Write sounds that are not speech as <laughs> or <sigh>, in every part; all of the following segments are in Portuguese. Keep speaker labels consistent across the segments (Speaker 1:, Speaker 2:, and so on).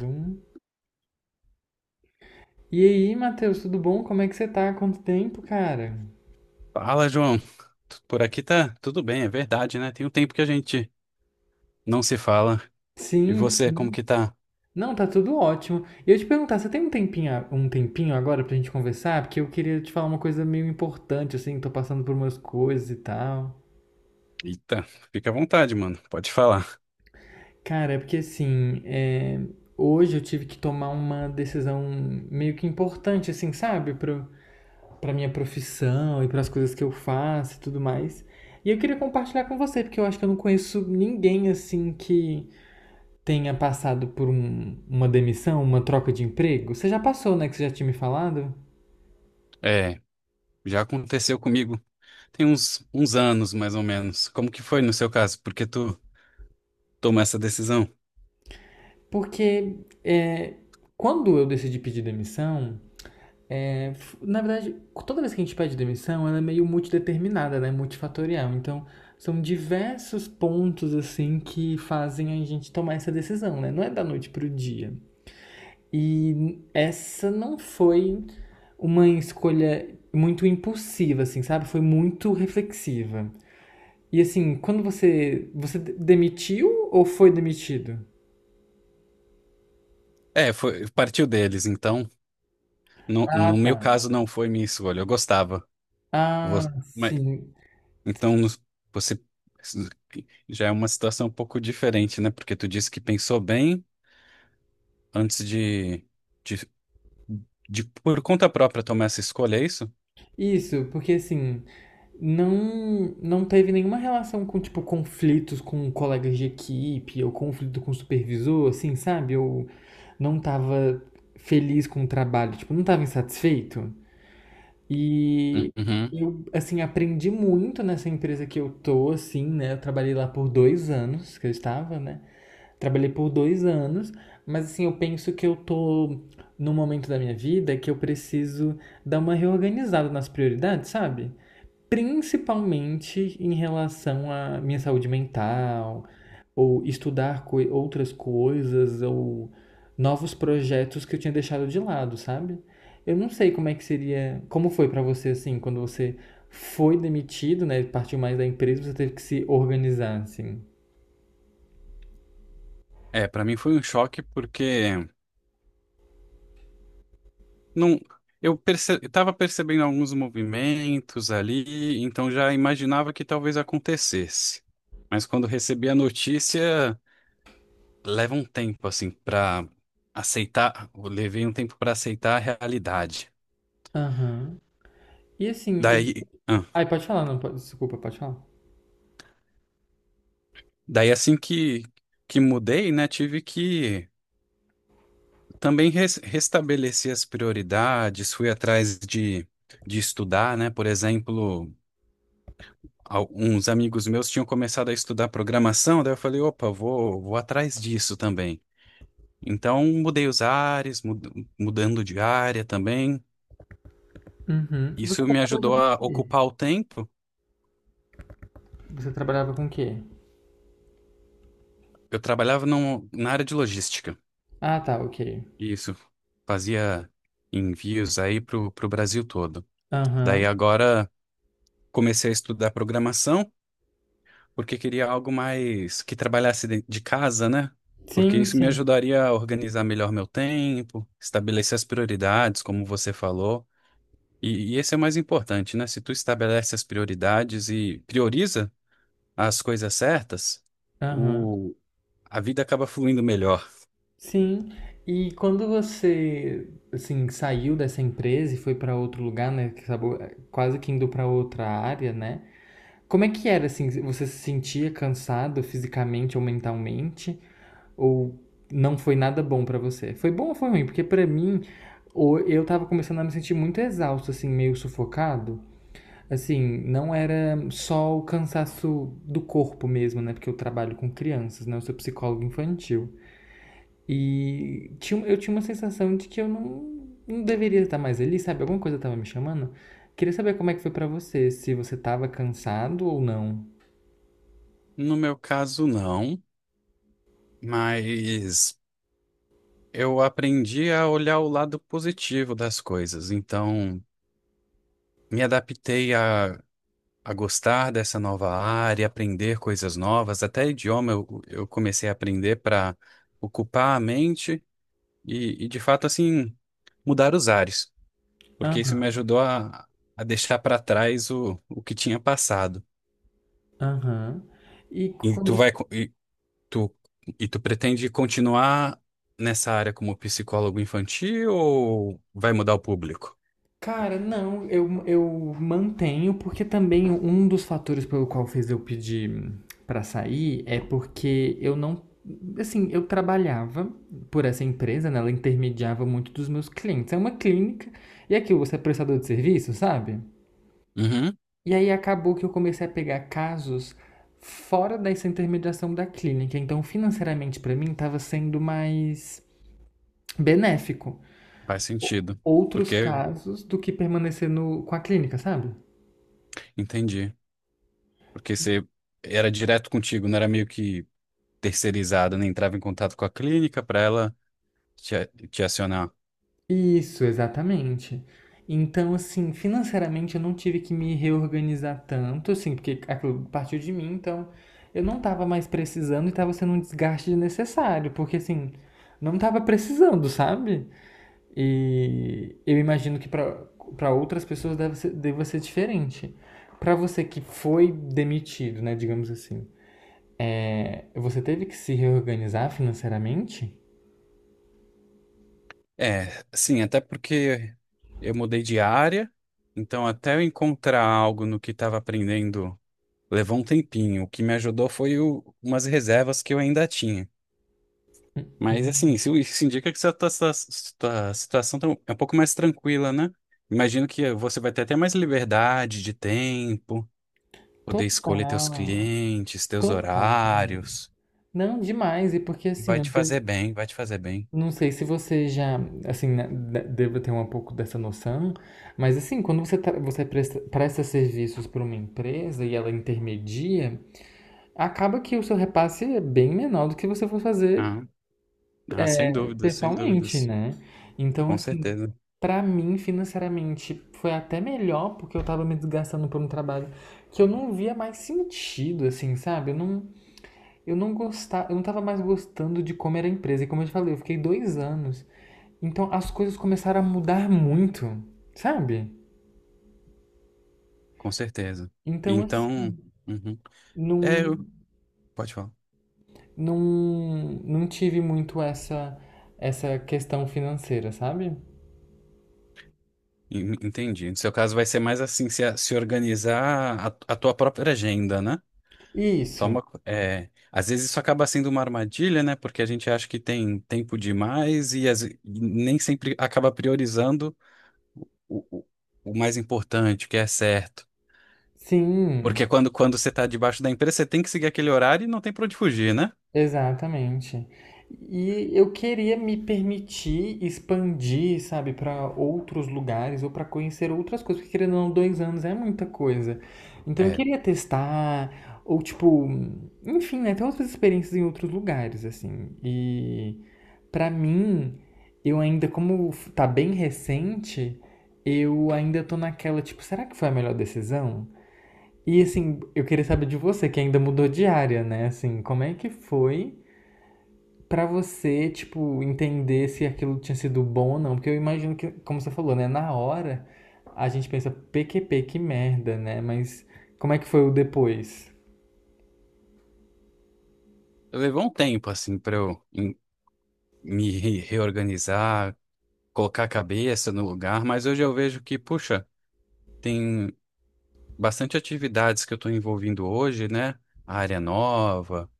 Speaker 1: Zoom. E aí, Matheus, tudo bom? Como é que você tá? Quanto tempo, cara?
Speaker 2: Fala, João. Por aqui tá tudo bem, é verdade, né? Tem um tempo que a gente não se fala. E
Speaker 1: Sim,
Speaker 2: você, como
Speaker 1: sim.
Speaker 2: que tá?
Speaker 1: Não, tá tudo ótimo. E eu te perguntar, você tem um tempinho, um tempinho agora pra gente conversar? Porque eu queria te falar uma coisa meio importante, assim, tô passando por umas coisas e tal.
Speaker 2: Eita, fica à vontade, mano. Pode falar.
Speaker 1: Cara, é porque assim, hoje eu tive que tomar uma decisão meio que importante, assim, sabe? Pra minha profissão e pras coisas que eu faço e tudo mais. E eu queria compartilhar com você, porque eu acho que eu não conheço ninguém, assim, que tenha passado por uma demissão, uma troca de emprego? Você já passou, né? Que você já tinha me falado?
Speaker 2: É, já aconteceu comigo. Tem uns anos, mais ou menos. Como que foi no seu caso? Porque tu tomou essa decisão?
Speaker 1: Porque é, quando eu decidi pedir demissão, é, na verdade, toda vez que a gente pede demissão, ela é meio multideterminada, né? Multifatorial. Então, são diversos pontos, assim, que fazem a gente tomar essa decisão, né? Não é da noite pro dia. E essa não foi uma escolha muito impulsiva, assim, sabe? Foi muito reflexiva. E assim, quando você, você demitiu ou foi demitido?
Speaker 2: É, foi, partiu deles, então. No,
Speaker 1: Ah,
Speaker 2: no meu
Speaker 1: tá.
Speaker 2: caso, não foi minha escolha. Eu gostava. Vo-
Speaker 1: Ah,
Speaker 2: mas,
Speaker 1: sim.
Speaker 2: então, no- Você já é uma situação um pouco diferente, né? Porque tu disse que pensou bem antes de. De De por conta própria tomar essa escolha, é isso?
Speaker 1: Isso, porque assim, não teve nenhuma relação com tipo conflitos com colegas de equipe ou conflito com o supervisor, assim, sabe? Eu não tava feliz com o trabalho, tipo, não tava insatisfeito. E
Speaker 2: Uhum.
Speaker 1: eu assim aprendi muito nessa empresa que eu tô, assim, né? Eu trabalhei lá por dois anos que eu estava, né? Trabalhei por dois anos, mas assim, eu penso que eu tô num momento da minha vida que eu preciso dar uma reorganizada nas prioridades, sabe? Principalmente em relação à minha saúde mental, ou estudar outras coisas, ou novos projetos que eu tinha deixado de lado, sabe? Eu não sei como é que seria, como foi pra você assim, quando você foi demitido, né? Partiu mais da empresa, você teve que se organizar, assim.
Speaker 2: É, pra mim foi um choque porque não eu estava percebendo alguns movimentos ali, então já imaginava que talvez acontecesse. Mas quando recebi a notícia, leva um tempo assim pra aceitar, eu levei um tempo pra aceitar a realidade.
Speaker 1: Aham. E assim, eu
Speaker 2: Daí, ah,
Speaker 1: Ai, pode falar, não pode. Desculpa, pode falar.
Speaker 2: daí assim que mudei, né, tive que também restabeleci as prioridades, fui de estudar, né? Por exemplo, uns amigos meus tinham começado a estudar programação, daí eu falei, opa, vou atrás disso também. Então, mudei os ares, mudando de área também.
Speaker 1: Uhum. Você
Speaker 2: Isso me
Speaker 1: trabalhava
Speaker 2: ajudou
Speaker 1: com o
Speaker 2: a
Speaker 1: quê?
Speaker 2: ocupar o tempo.
Speaker 1: Você trabalhava com o quê?
Speaker 2: Eu trabalhava na área de logística.
Speaker 1: Ah, tá, ok.
Speaker 2: Isso. Fazia envios aí para o Brasil todo. Daí
Speaker 1: Aham.
Speaker 2: agora comecei a estudar programação. Porque queria algo mais que trabalhasse de casa, né? Porque
Speaker 1: Sim,
Speaker 2: isso me
Speaker 1: sim.
Speaker 2: ajudaria a organizar melhor meu tempo, estabelecer as prioridades, como você falou. E esse é o mais importante, né? Se tu estabelece as prioridades e prioriza as coisas certas,
Speaker 1: Aham.
Speaker 2: o, a vida acaba fluindo melhor.
Speaker 1: Sim. E quando você, assim, saiu dessa empresa e foi pra outro lugar, né? Que acabou quase que indo pra outra área, né? Como é que era, assim? Você se sentia cansado fisicamente ou mentalmente? Ou não foi nada bom pra você? Foi bom ou foi ruim? Porque pra mim, eu tava começando a me sentir muito exausto, assim, meio sufocado. Assim, não era só o cansaço do corpo mesmo, né? Porque eu trabalho com crianças, né? Eu sou psicólogo infantil. E tinha, eu tinha uma sensação de que eu não deveria estar mais ali, sabe? Alguma coisa tava me chamando. Queria saber como é que foi pra você, se você tava cansado ou não.
Speaker 2: No meu caso, não, mas eu aprendi a olhar o lado positivo das coisas. Então, me adaptei a gostar dessa nova área, aprender coisas novas, até idioma eu comecei a aprender para ocupar a mente de fato, assim, mudar os ares, porque isso me
Speaker 1: Aham,
Speaker 2: ajudou a deixar para trás o que tinha passado.
Speaker 1: aham. E
Speaker 2: E
Speaker 1: quando
Speaker 2: tu
Speaker 1: você
Speaker 2: vai, co- tu, e tu pretende continuar nessa área como psicólogo infantil ou vai mudar o público?
Speaker 1: Cara, não, eu mantenho, porque também um dos fatores pelo qual fez eu pedir pra sair é porque eu não. Assim, eu trabalhava por essa empresa, né? Ela intermediava muito dos meus clientes. É uma clínica, e é aquilo, você é prestador de serviço, sabe?
Speaker 2: Uhum,
Speaker 1: E aí acabou que eu comecei a pegar casos fora dessa intermediação da clínica. Então, financeiramente, pra mim, tava sendo mais benéfico
Speaker 2: faz sentido,
Speaker 1: outros
Speaker 2: porque
Speaker 1: casos do que permanecer no, com a clínica, sabe?
Speaker 2: entendi, porque você era direto contigo, não era meio que terceirizada, né, entrava em contato com a clínica para ela te acionar.
Speaker 1: Isso, exatamente. Então, assim, financeiramente eu não tive que me reorganizar tanto, assim, porque aquilo partiu de mim, então eu não tava mais precisando e tava sendo um desgaste desnecessário, porque assim, não tava precisando, sabe? E eu imagino que pra para outras pessoas deve ser, deva ser diferente. Pra você que foi demitido, né, digamos assim, você teve que se reorganizar financeiramente?
Speaker 2: É, sim, até porque eu mudei de área, então até eu encontrar algo no que estava aprendendo levou um tempinho. O que me ajudou foi umas reservas que eu ainda tinha. Mas assim, isso indica que sua situação tá é um pouco mais tranquila, né? Imagino que você vai ter até mais liberdade de tempo, poder escolher teus
Speaker 1: Total,
Speaker 2: clientes, teus
Speaker 1: total.
Speaker 2: horários.
Speaker 1: Não, demais. E porque assim,
Speaker 2: Vai te fazer bem, vai te fazer bem.
Speaker 1: não sei se você já, assim, né, deva ter um pouco dessa noção, mas assim, quando você, você presta serviços para uma empresa e ela intermedia, acaba que o seu repasse é bem menor do que você for fazer
Speaker 2: Ah, ah, sem dúvidas, sem
Speaker 1: pessoalmente,
Speaker 2: dúvidas.
Speaker 1: né? Então,
Speaker 2: Com
Speaker 1: assim,
Speaker 2: certeza,
Speaker 1: para mim, financeiramente, foi até melhor porque eu tava me desgastando por um trabalho que eu não via mais sentido, assim, sabe? Eu não gostava, eu não tava mais gostando de como era a empresa. E como eu te falei, eu fiquei dois anos. Então as coisas começaram a mudar muito, sabe?
Speaker 2: com certeza.
Speaker 1: Então assim,
Speaker 2: Então, uhum. É,
Speaker 1: não,
Speaker 2: eu- pode falar.
Speaker 1: não, não tive muito essa, essa questão financeira, sabe?
Speaker 2: Entendi. No seu caso vai ser mais assim, se organizar a tua própria agenda, né?
Speaker 1: Isso.
Speaker 2: É, às vezes isso acaba sendo uma armadilha, né? Porque a gente acha que tem tempo demais e e nem sempre acaba priorizando o, o o mais importante, o que é certo.
Speaker 1: Sim,
Speaker 2: Porque quando você está debaixo da empresa, você tem que seguir aquele horário e não tem para onde fugir, né?
Speaker 1: exatamente. E eu queria me permitir expandir, sabe, para outros lugares ou para conhecer outras coisas, porque querendo ou não, dois anos é muita coisa. Então eu
Speaker 2: É.
Speaker 1: queria testar, ou tipo, enfim, né, ter outras experiências em outros lugares, assim. E para mim, eu ainda, como tá bem recente, eu ainda tô naquela, tipo, será que foi a melhor decisão? E assim, eu queria saber de você, que ainda mudou de área, né? Assim, como é que foi pra você, tipo, entender se aquilo tinha sido bom ou não? Porque eu imagino que, como você falou, né? Na hora, a gente pensa, PQP, que merda, né? Mas como é que foi o depois?
Speaker 2: Levou um tempo, assim, pra eu em- me re- reorganizar, colocar a cabeça no lugar, mas hoje eu vejo que, puxa, tem bastante atividades que eu estou envolvindo hoje, né? A área nova,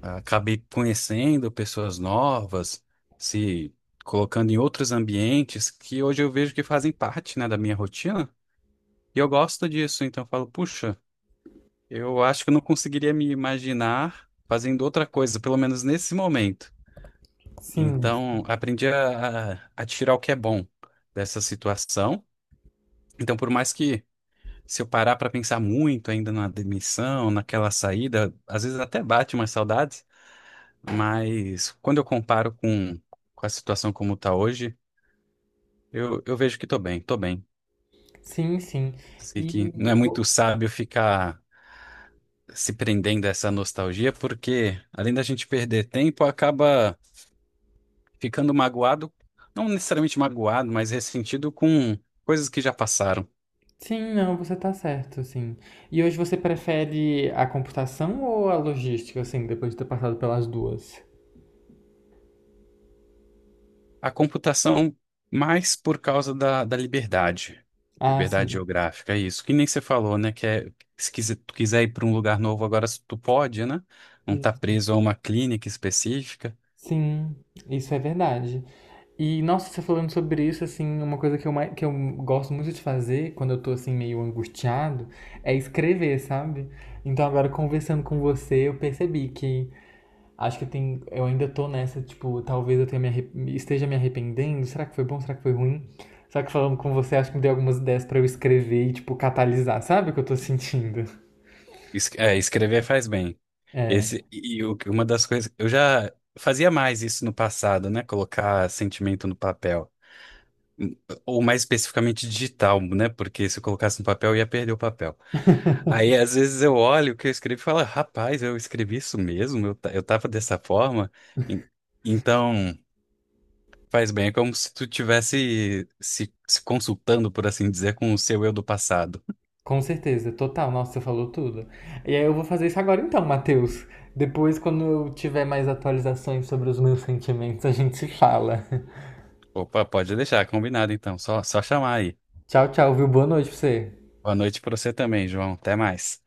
Speaker 2: acabei conhecendo pessoas novas, se colocando em outros ambientes que hoje eu vejo que fazem parte, né, da minha rotina, e eu gosto disso, então eu falo, puxa, eu acho que eu não conseguiria me imaginar fazendo outra coisa, pelo menos nesse momento.
Speaker 1: Sim,
Speaker 2: Então, aprendi a tirar o que é bom dessa situação. Então, por mais que se eu parar para pensar muito ainda na demissão, naquela saída, às vezes até bate umas saudades, mas quando eu comparo com a situação como está hoje, eu vejo que estou bem, estou bem.
Speaker 1: sim, sim. E.
Speaker 2: Sei que não é muito sábio ficar se prendendo a essa nostalgia, porque além da gente perder tempo, acaba ficando magoado, não necessariamente magoado, mas ressentido com coisas que já passaram.
Speaker 1: Sim, não, você tá certo, sim. E hoje você prefere a computação ou a logística, assim, depois de ter passado pelas duas?
Speaker 2: A computação mais por causa da liberdade,
Speaker 1: Ah,
Speaker 2: liberdade
Speaker 1: sim.
Speaker 2: geográfica, é isso. Que nem você falou, né? Se quiser, tu quiser ir para um lugar novo agora, tu pode, né? Não tá preso a uma clínica específica.
Speaker 1: Sim, isso é verdade. E, nossa, você falando sobre isso, assim, uma coisa que mais que eu gosto muito de fazer quando eu tô, assim, meio angustiado é escrever, sabe? Então, agora, conversando com você, eu percebi que acho que tem, eu ainda tô nessa, tipo, talvez eu tenha esteja me arrependendo. Será que foi bom? Será que foi ruim? Só que falando com você, acho que me deu algumas ideias pra eu escrever e, tipo, catalisar, sabe o que eu tô sentindo?
Speaker 2: Escrever faz bem.
Speaker 1: É.
Speaker 2: Esse, uma das coisas, eu já fazia mais isso no passado, né? Colocar sentimento no papel. Ou mais especificamente digital, né? Porque se eu colocasse no papel, ia perder o papel. Aí, às vezes, eu olho o que eu escrevi e falo, rapaz, eu escrevi isso mesmo, eu tava dessa forma. En- Então, faz bem, é como se tu tivesse se consultando, por assim dizer, com o seu eu do passado.
Speaker 1: Com certeza, total. Nossa, você falou tudo. E aí eu vou fazer isso agora então, Matheus. Depois, quando eu tiver mais atualizações sobre os meus sentimentos, a gente se fala.
Speaker 2: Opa, pode deixar, combinado então, só chamar aí.
Speaker 1: <laughs> Tchau, tchau, viu? Boa noite pra você.
Speaker 2: Boa noite pra você também, João. Até mais.